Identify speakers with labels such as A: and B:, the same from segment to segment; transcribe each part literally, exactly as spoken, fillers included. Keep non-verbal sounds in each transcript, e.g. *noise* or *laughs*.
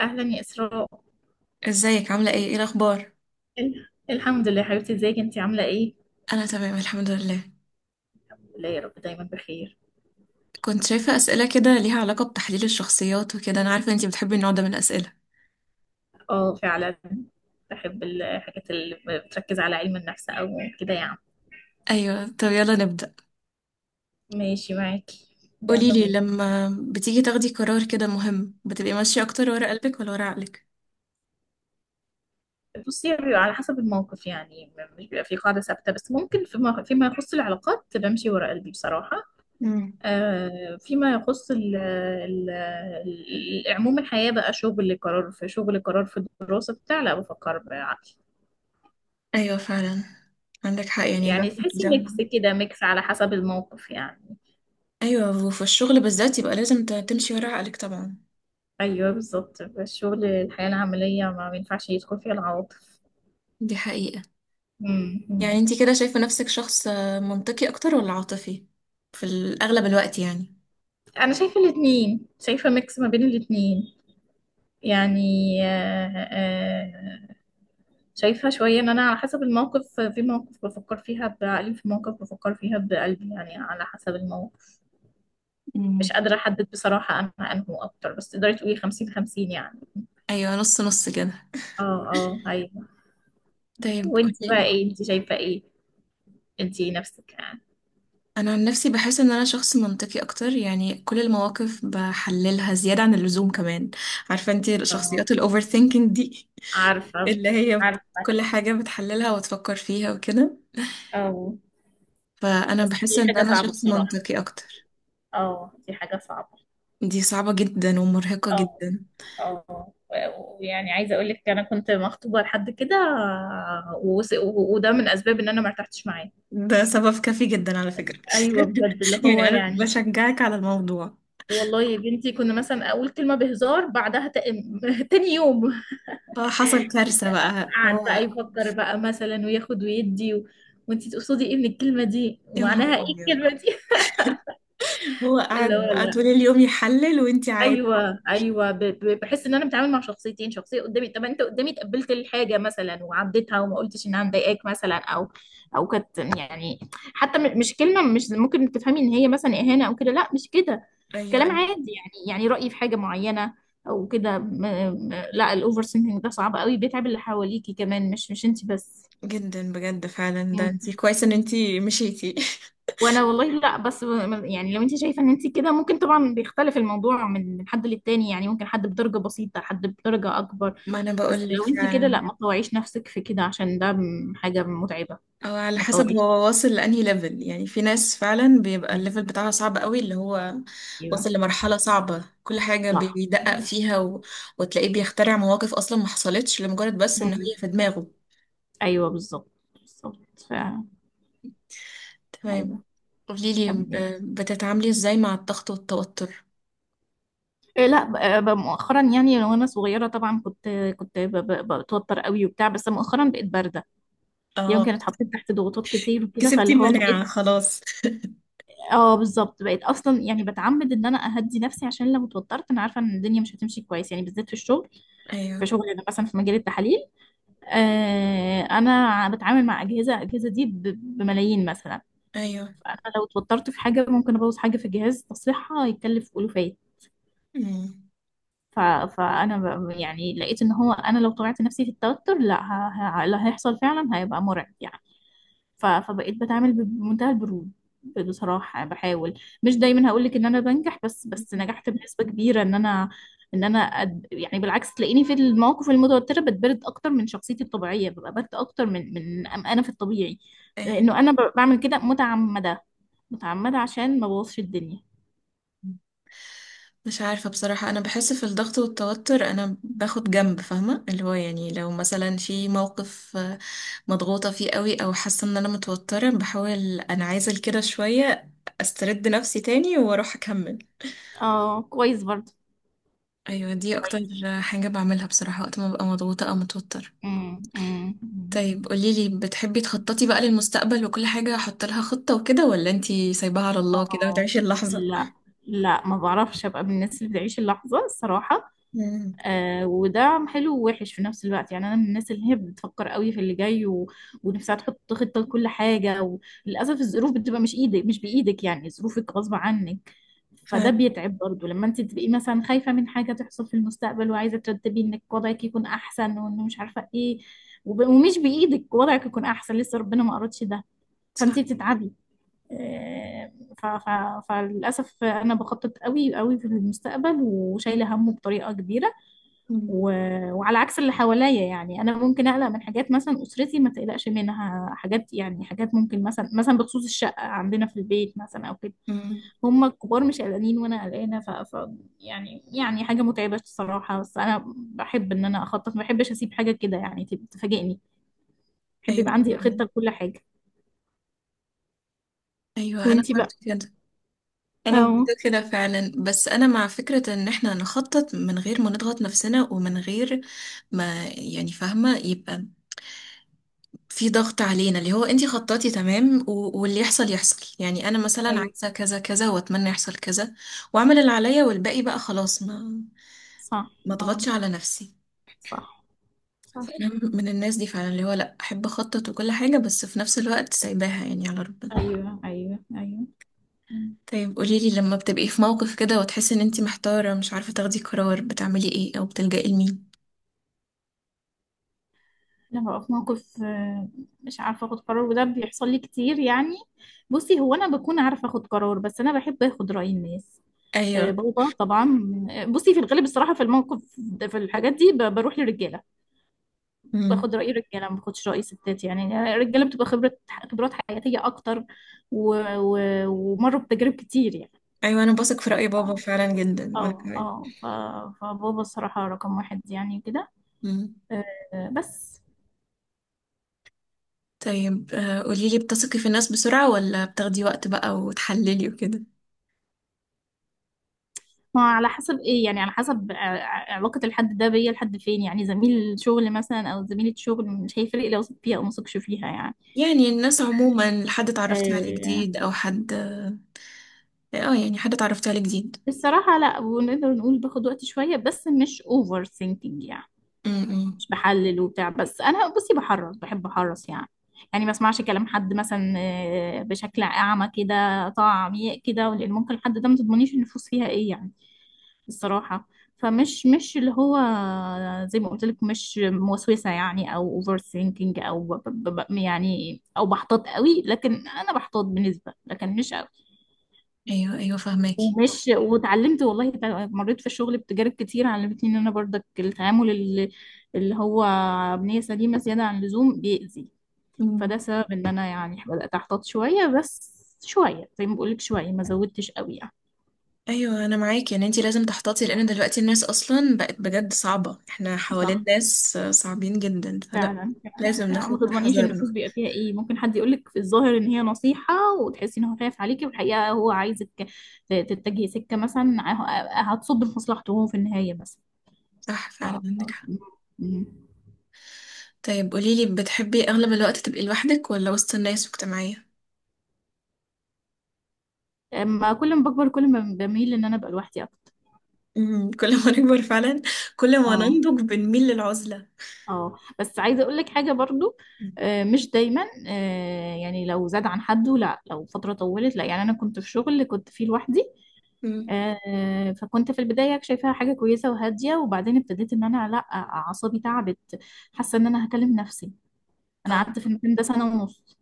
A: اهلا يا اسراء.
B: ازيك عاملة ايه ايه الأخبار؟
A: ال- الحمد لله يا حبيبتي، ازيك انت عامله ايه؟
B: أنا تمام الحمد لله.
A: لا يا رب دايما بخير.
B: كنت شايفة أسئلة كده ليها علاقة بتحليل الشخصيات وكده، أنا عارفة انتي بتحبي النوع ده من الأسئلة.
A: اه فعلا، بحب الحاجات اللي بتركز على علم النفس او كده يعني.
B: أيوة، طب يلا نبدأ.
A: ماشي معاكي، يلا
B: قوليلي،
A: بينا.
B: لما بتيجي تاخدي قرار كده مهم، بتبقي ماشية أكتر ورا قلبك ولا ورا عقلك؟
A: بصي بيبقى على حسب الموقف يعني، م- مش بيبقى في قاعده ثابته، بس ممكن فيما فيما يخص العلاقات بمشي ورا قلبي بصراحه.
B: مم.
A: آه فيما يخص ال ال ال- عموم الحياه بقى شغل، قرار في شغل، قرار في الدراسه بتاع، لا بفكر.
B: أيوة فعلا. عندك حق، يعني
A: يعني
B: الواحد
A: تحسي ميكس
B: لما...
A: كده، ميكس على حسب الموقف يعني.
B: أيوة، وفي الشغل بالذات يبقى لازم ت- تمشي ورا عقلك طبعا.
A: ايوه بالظبط، الشغل الحياه العمليه ما بينفعش يدخل فيها العواطف.
B: دي حقيقة.
A: مم.
B: يعني
A: مم.
B: انتي كده شايفة نفسك شخص منطقي أكتر ولا عاطفي؟ في الأغلب الوقت يعني.
A: انا شايفه الاثنين، شايفه ميكس ما بين الاثنين يعني. آه، آه، شايفه شويه ان انا على حسب الموقف، في مواقف بفكر فيها بعقلي، في مواقف بفكر فيها بقلبي يعني على حسب الموقف. مش
B: مم.
A: قادره احدد بصراحه انا انه اكتر، بس تقدري تقولي خمسين خمسين يعني.
B: ايوه، نص نص كده.
A: اه اه ايوه.
B: طيب
A: وانت بقى
B: قوليلي.
A: ايه، انت شايفه ايه انت نفسك يعني؟
B: انا عن نفسي بحس ان انا شخص منطقي اكتر، يعني كل المواقف بحللها زياده عن اللزوم كمان. عارفه انت
A: اه،
B: الشخصيات الاوفر ثينكينج دي،
A: عارفة،
B: اللي هي بت-
A: عارفة،
B: كل حاجه بتحللها وتفكر فيها وكده.
A: اه.
B: فانا
A: بس
B: بحس
A: دي
B: ان
A: حاجة
B: انا
A: صعبة
B: شخص
A: بصراحة،
B: منطقي اكتر.
A: اه دي حاجة صعبة.
B: دي صعبه جدا ومرهقه
A: اه
B: جدا.
A: اه، و- ويعني عايزة اقول لك انا كنت مخطوبة لحد كده، وس- و- وده من اسباب ان انا ما ارتحتش معاه.
B: ده سبب كافي جدا على فكره.
A: ايوه بجد اللي
B: *laughs*
A: هو
B: يعني انا
A: يعني.
B: بشجعك على الموضوع.
A: والله يا بنتي كنا مثلا اقول كلمة بهزار، بعدها ت- *laughs* تاني يوم
B: آه، حصل كارثه بقى
A: قعد
B: هو.
A: بقى يفكر بقى مثلا وياخد ويدي و... وانتي تقصدي ايه من الكلمة دي،
B: يا نهار
A: ومعناها ايه
B: ابيض.
A: الكلمة دي.
B: هو
A: *laughs* اللي هو
B: قاعد بقى
A: لا.
B: طول اليوم يحلل وانتي عادي؟
A: ايوه ايوه، ب- ب- بحس ان انا بتعامل مع شخصيتين، شخصيه قدامي طب انت قدامي تقبلت الحاجه مثلا وعديتها وما قلتش انها مضايقاك مثلا او او كانت يعني، حتى م- مش كلمه مش ممكن تفهمي ان هي مثلا اهانه او كده، لا مش كده.
B: ايوه
A: كلام
B: ايوه.
A: عادي يعني، يعني رايي في حاجه معينه او كده. م- م- لا الاوفر سينكينج ده صعب قوي، بيتعب اللي حواليكي كمان مش مش انت بس.
B: جدا بجد فعلا، ده انتي كويس ان انتي مشيتي.
A: وانا والله لا بس، يعني لو انت شايفه ان انت كده، ممكن طبعا بيختلف الموضوع من من حد للتاني يعني، ممكن حد بدرجه بسيطه، حد بدرجه اكبر.
B: *laughs* ما انا
A: بس
B: بقولك
A: لو انت كده
B: فعلا.
A: لا ما تطوعيش نفسك في كده، عشان ده م- حاجه متعبه.
B: او على
A: ما
B: حسب
A: تطوعيش
B: هو
A: نفسك
B: واصل لانهي ليفل، يعني في ناس فعلا بيبقى
A: في،
B: الليفل بتاعها صعب قوي، اللي هو
A: ايوه
B: واصل لمرحلة صعبة، كل حاجة
A: صح.
B: بيدقق فيها و... وتلاقيه بيخترع مواقف اصلا ما حصلتش، لمجرد بس ان هي
A: مم.
B: في دماغه.
A: ايوه بالظبط بالظبط ف...
B: تمام.
A: ايوه.
B: قوليلي، ب...
A: كملي.
B: بتتعاملي ازاي مع الضغط والتوتر؟
A: إيه، لا، ب- ب- مؤخرا يعني. وانا صغيره طبعا كنت كنت ب- ب- بتوتر قوي وبتاع، بس مؤخرا بقيت بارده.
B: اه،
A: يمكن اتحطيت تحت ضغوطات كتير وكده،
B: كسبتي
A: فاللي هو
B: المناعة
A: بقيت،
B: خلاص.
A: اه بالظبط. بقيت اصلا يعني بتعمد ان انا اهدي نفسي، عشان لو اتوترت انا عارفه ان الدنيا مش هتمشي كويس يعني، بالذات في الشغل. في
B: ايوه
A: شغل انا مثلا في مجال التحاليل، آه انا بتعامل مع اجهزه، الاجهزه دي ب- بملايين مثلا.
B: ايوه.
A: فانا لو اتوترت في حاجه ممكن ابوظ حاجه في الجهاز تصليحها يتكلف الوفات.
B: مم.
A: ف... فانا ب... يعني لقيت ان هو انا لو طبعت نفسي في التوتر لا، ه... ه... اللي هيحصل فعلا هيبقى مرعب يعني. ف- فبقيت بتعامل بمنتهى البرود. بصراحة بحاول، مش دايما هقولك ان انا بنجح، بس بس نجحت بنسبة كبيرة ان انا، ان انا أد... يعني بالعكس تلاقيني في المواقف المتوترة بتبرد اكتر من شخصيتي الطبيعية، ببقى برد اكتر من من أم- انا في الطبيعي.
B: إيه،
A: لانه انا ب- بعمل كده متعمدة، متعمدة عشان ما بوظش الدنيا.
B: مش عارفة بصراحة. أنا بحس في الضغط والتوتر أنا باخد جنب، فاهمة اللي هو، يعني لو مثلا في موقف آه، مضغوطة فيه قوي أو حاسة إن أنا متوترة، بحاول أنعزل كده شوية، أسترد نفسي تاني وأروح أكمل.
A: اه كويس برضه،
B: أيوة دي أكتر
A: كويس.
B: حاجة بعملها بصراحة وقت ما ببقى مضغوطة أو متوتر.
A: امم امم أمم.
B: طيب قوليلي، بتحبي تخططي بقى للمستقبل وكل حاجة أحط لها خطة وكده، ولا أنتي سايباها على الله كده
A: اه
B: وتعيشي اللحظة؟
A: لا، لا ما بعرفش ابقى من الناس اللي بتعيش اللحظة الصراحة.
B: مم.
A: آه وده حلو ووحش في نفس الوقت يعني، انا من الناس اللي هي بتفكر قوي في اللي جاي و... ونفسها تحط خطه لكل حاجه. وللاسف الظروف بتبقى مش ايدك، مش بايدك يعني، ظروفك غصب عنك. فده
B: فعلا.
A: بيتعب برضو لما انت تبقي مثلا خايفه من حاجه تحصل في المستقبل، وعايزه ترتبي انك وضعك يكون احسن، وانه مش عارفه ايه. وب... ومش بايدك وضعك يكون احسن، لسه ربنا ما اردش ده. فانت
B: صح.
A: بتتعبي. آه، ف... ف... فللاسف انا بخطط قوي قوي في المستقبل، وشايله همه بطريقه كبيره. و...
B: مم.
A: وعلى عكس اللي حواليا يعني، انا ممكن اقلق من حاجات مثلا اسرتي ما تقلقش منها. حاجات يعني، حاجات ممكن مثلا، مثلا بخصوص الشقه عندنا في البيت مثلا او كده.
B: مم.
A: هم الكبار مش قلقانين وانا قلقانه. ف... ف يعني، يعني حاجه متعبه الصراحه. بس انا بحب ان انا اخطط، ما بحبش اسيب حاجه كده يعني تب- تفاجئني. بحب يبقى
B: ايوه
A: عندي
B: فعلا.
A: خطه لكل حاجه.
B: ايوه انا
A: وانتي بقى؟
B: برضه كده. انا
A: اه
B: برضه كده فعلا، بس انا مع فكره ان احنا نخطط من غير ما نضغط نفسنا ومن غير ما، يعني فاهمه، يبقى في ضغط علينا. اللي هو انتي خططي تمام و- واللي يحصل يحصل، يعني انا مثلا
A: ايوه
B: عايزه كذا كذا واتمنى يحصل كذا، واعمل اللي عليا والباقي بقى خلاص ما
A: صح،
B: ما
A: اه
B: اضغطش على نفسي.
A: صح صح،
B: فانا من الناس دي فعلا، اللي هو لا، احب اخطط وكل حاجه، بس في نفس الوقت سايباها يعني على ربنا.
A: ايوه ايوه ايوه.
B: طيب قوليلي، لما بتبقي في موقف كده وتحسي ان انتي محتارة، مش عارفة تاخدي قرار، بتعملي ايه او بتلجئي لمين؟
A: لما ببقى في موقف آه، مش عارفة اخد قرار، وده بيحصل لي كتير يعني. بصي هو انا بكون عارفة اخد قرار، بس انا بحب اخد رأي الناس. آه
B: ايوه.
A: بابا طبعا. آه بصي في الغالب الصراحة في الموقف ده- في الحاجات دي ب- بروح للرجالة.
B: امم.
A: باخد رأي الرجالة، ما باخدش رأي ستات يعني. الرجالة بتبقى خبرة، خبرات حياتية اكتر و... و... ومروا بتجارب كتير يعني.
B: ايوه انا بثق في رأي
A: ف-
B: بابا فعلا جدا، وانا
A: اه
B: كمان.
A: اه ف... فبابا الصراحة رقم واحد يعني كده.
B: امم
A: آه بس.
B: طيب، آه، قوليلي بتثقي في الناس بسرعة ولا بتاخدي وقت بقى وتحللي وكده؟
A: ما على حسب ايه يعني، على حسب ع- ع- علاقة الحد ده بيا لحد فين يعني. زميل شغل مثلا او زميلة شغل مش هيفرق لو وثق فيها او ما وثقش فيها يعني.
B: يعني الناس عموما، حد اتعرفتي عليه
A: آه
B: جديد او حد اه، يعني حد اتعرفتي عليه جديد.
A: الصراحة لا، ونقدر نقول باخد وقت شوية، بس مش اوفر ثينكينج يعني.
B: امم.
A: مش بحلل وبتاع، بس انا بصي بحرص، بحب احرص يعني. يعني ما اسمعش كلام حد مثلا آه، بشكل اعمى كده، طاعة عميق كده، لان ممكن الحد ده ما تضمنيش النفوس فيها ايه يعني الصراحة. فمش مش اللي هو زي ما قلت لك مش موسوسة يعني، او اوفر ثينكينج، او ب- ب- ب- يعني او بحتاط قوي. لكن انا بحتاط بنسبة، لكن مش قوي.
B: ايوه ايوه فهماكي.
A: ومش واتعلمت والله، تع- مريت في الشغل بتجارب كتير علمتني ان انا برضك التعامل اللي، اللي هو بنية سليمة زيادة عن اللزوم بيأذي. فده سبب ان انا يعني بدأت احتاط شوية بس، شوية زي ما بقولك، شوية ما زودتش قوي يعني.
B: ايوه انا معاكي، يعني انتي لازم تحتاطي، لان دلوقتي الناس اصلا بقت بجد صعبة، احنا حوالين
A: صح
B: ناس صعبين جدا فلا.
A: فعلا فعلا
B: لازم
A: فعلا. ما
B: ناخد
A: تضمنيش النفوس
B: حذرنا.
A: بيبقى فيها ايه، ممكن حد يقولك في الظاهر ان هي نصيحة، وتحسي ان هو خايف عليكي، والحقيقة هو عايزك ت- تتجهي سكة مثلا ه- هتصب في مصلحته هو في النهاية بس.
B: صح فعلا،
A: ف...
B: عندك حق.
A: م-
B: طيب قوليلي، بتحبي اغلب الوقت تبقي لوحدك ولا وسط الناس واجتماعية؟
A: ما كل ما بكبر كل ما بميل ان انا ابقى لوحدي اكتر.
B: امم كل ما نكبر فعلا، كل ما
A: اه
B: ننضج بنميل للعزلة.
A: اه، بس عايزه اقول لك حاجه برضو، آه مش دايما. آه يعني لو زاد عن حده لا، لو فتره طولت لا. يعني انا كنت في شغل كنت فيه لوحدي،
B: امم.
A: آه فكنت في البدايه شايفاها حاجه كويسه وهاديه، وبعدين ابتديت ان انا لا، اعصابي تعبت. حاسه ان انا هكلم نفسي. انا
B: اه.
A: قعدت في المكان ده سنه ونص،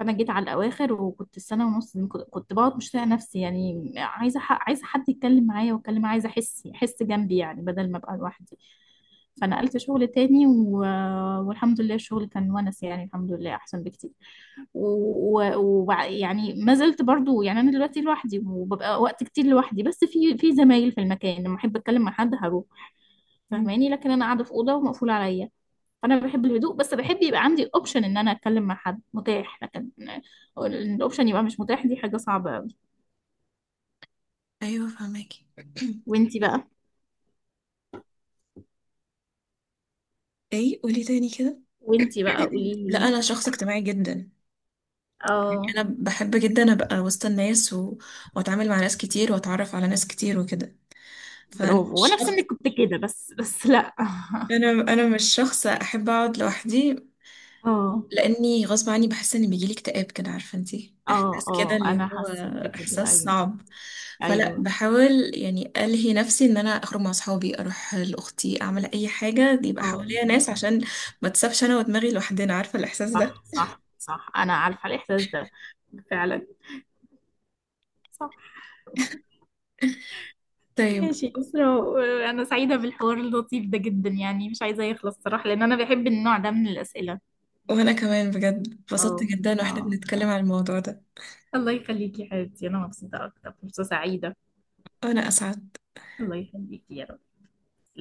A: فانا جيت على الاواخر، وكنت السنه ونص دي كنت كنت بقعد مش طايقه نفسي يعني. عايزه ح- عايزه حد يتكلم معايا واتكلم معايا، عايزه احس، احس جنبي يعني بدل ما ابقى لوحدي. فنقلت شغل تاني و... والحمد لله الشغل كان ونس يعني، الحمد لله احسن بكتير. ويعني و... وبع- يعني ما زلت برضو. يعني انا دلوقتي لوحدي وببقى وقت كتير لوحدي، بس في في زمايل في المكان لما احب اتكلم مع حد هروح.
B: مم.
A: فاهماني، لكن انا قاعده في اوضه ومقفوله عليا. فانا بحب الهدوء، بس بحب يبقى عندي اوبشن ان انا اتكلم مع حد متاح، لكن إن الاوبشن يبقى مش متاح دي حاجه صعبه قوي.
B: ايوه فهماكي.
A: وانتي بقى؟
B: ايه، قولي تاني كده.
A: وانتي بقى قولي
B: لا
A: لي.
B: انا شخص اجتماعي جدا، يعني
A: اه
B: انا بحب جدا ابقى وسط الناس و... واتعامل مع ناس كتير واتعرف على ناس كتير وكده. فانا
A: برافو،
B: مش
A: وانا في
B: شخص
A: سنك كنت كده، بس بس لا. *laughs*
B: انا انا مش شخص احب اقعد لوحدي،
A: اه
B: لاني غصب عني بحس ان بيجيلي اكتئاب كده، عارفه انتي
A: اه
B: احساس كده
A: اه انا
B: اللي هو
A: حسيت بكده
B: احساس
A: ايوه
B: صعب. فلا
A: ايوه،
B: بحاول يعني الهي نفسي ان انا اخرج مع اصحابي، اروح لاختي، اعمل اي حاجه يبقى
A: اه
B: حواليا
A: آه.
B: ناس، عشان ما تسابش انا ودماغي لوحدنا، عارفه الاحساس ده.
A: صح صح صح، انا عارفه الاحساس ده فعلا. صح.
B: طيب.
A: ماشي إسراء، أنا سعيدة بالحوار اللطيف ده جدا يعني، مش عايزة يخلص صراحة، لأن أنا بحب النوع ده من الأسئلة.
B: وانا كمان بجد اتبسطت
A: اه
B: جدا
A: اه.
B: واحنا بنتكلم عن الموضوع ده.
A: الله يخليكي يا حبيبتي، انا مبسوطة اكتر، فرصة سعيدة.
B: وانا اسعد.
A: الله يخليكي يا رب.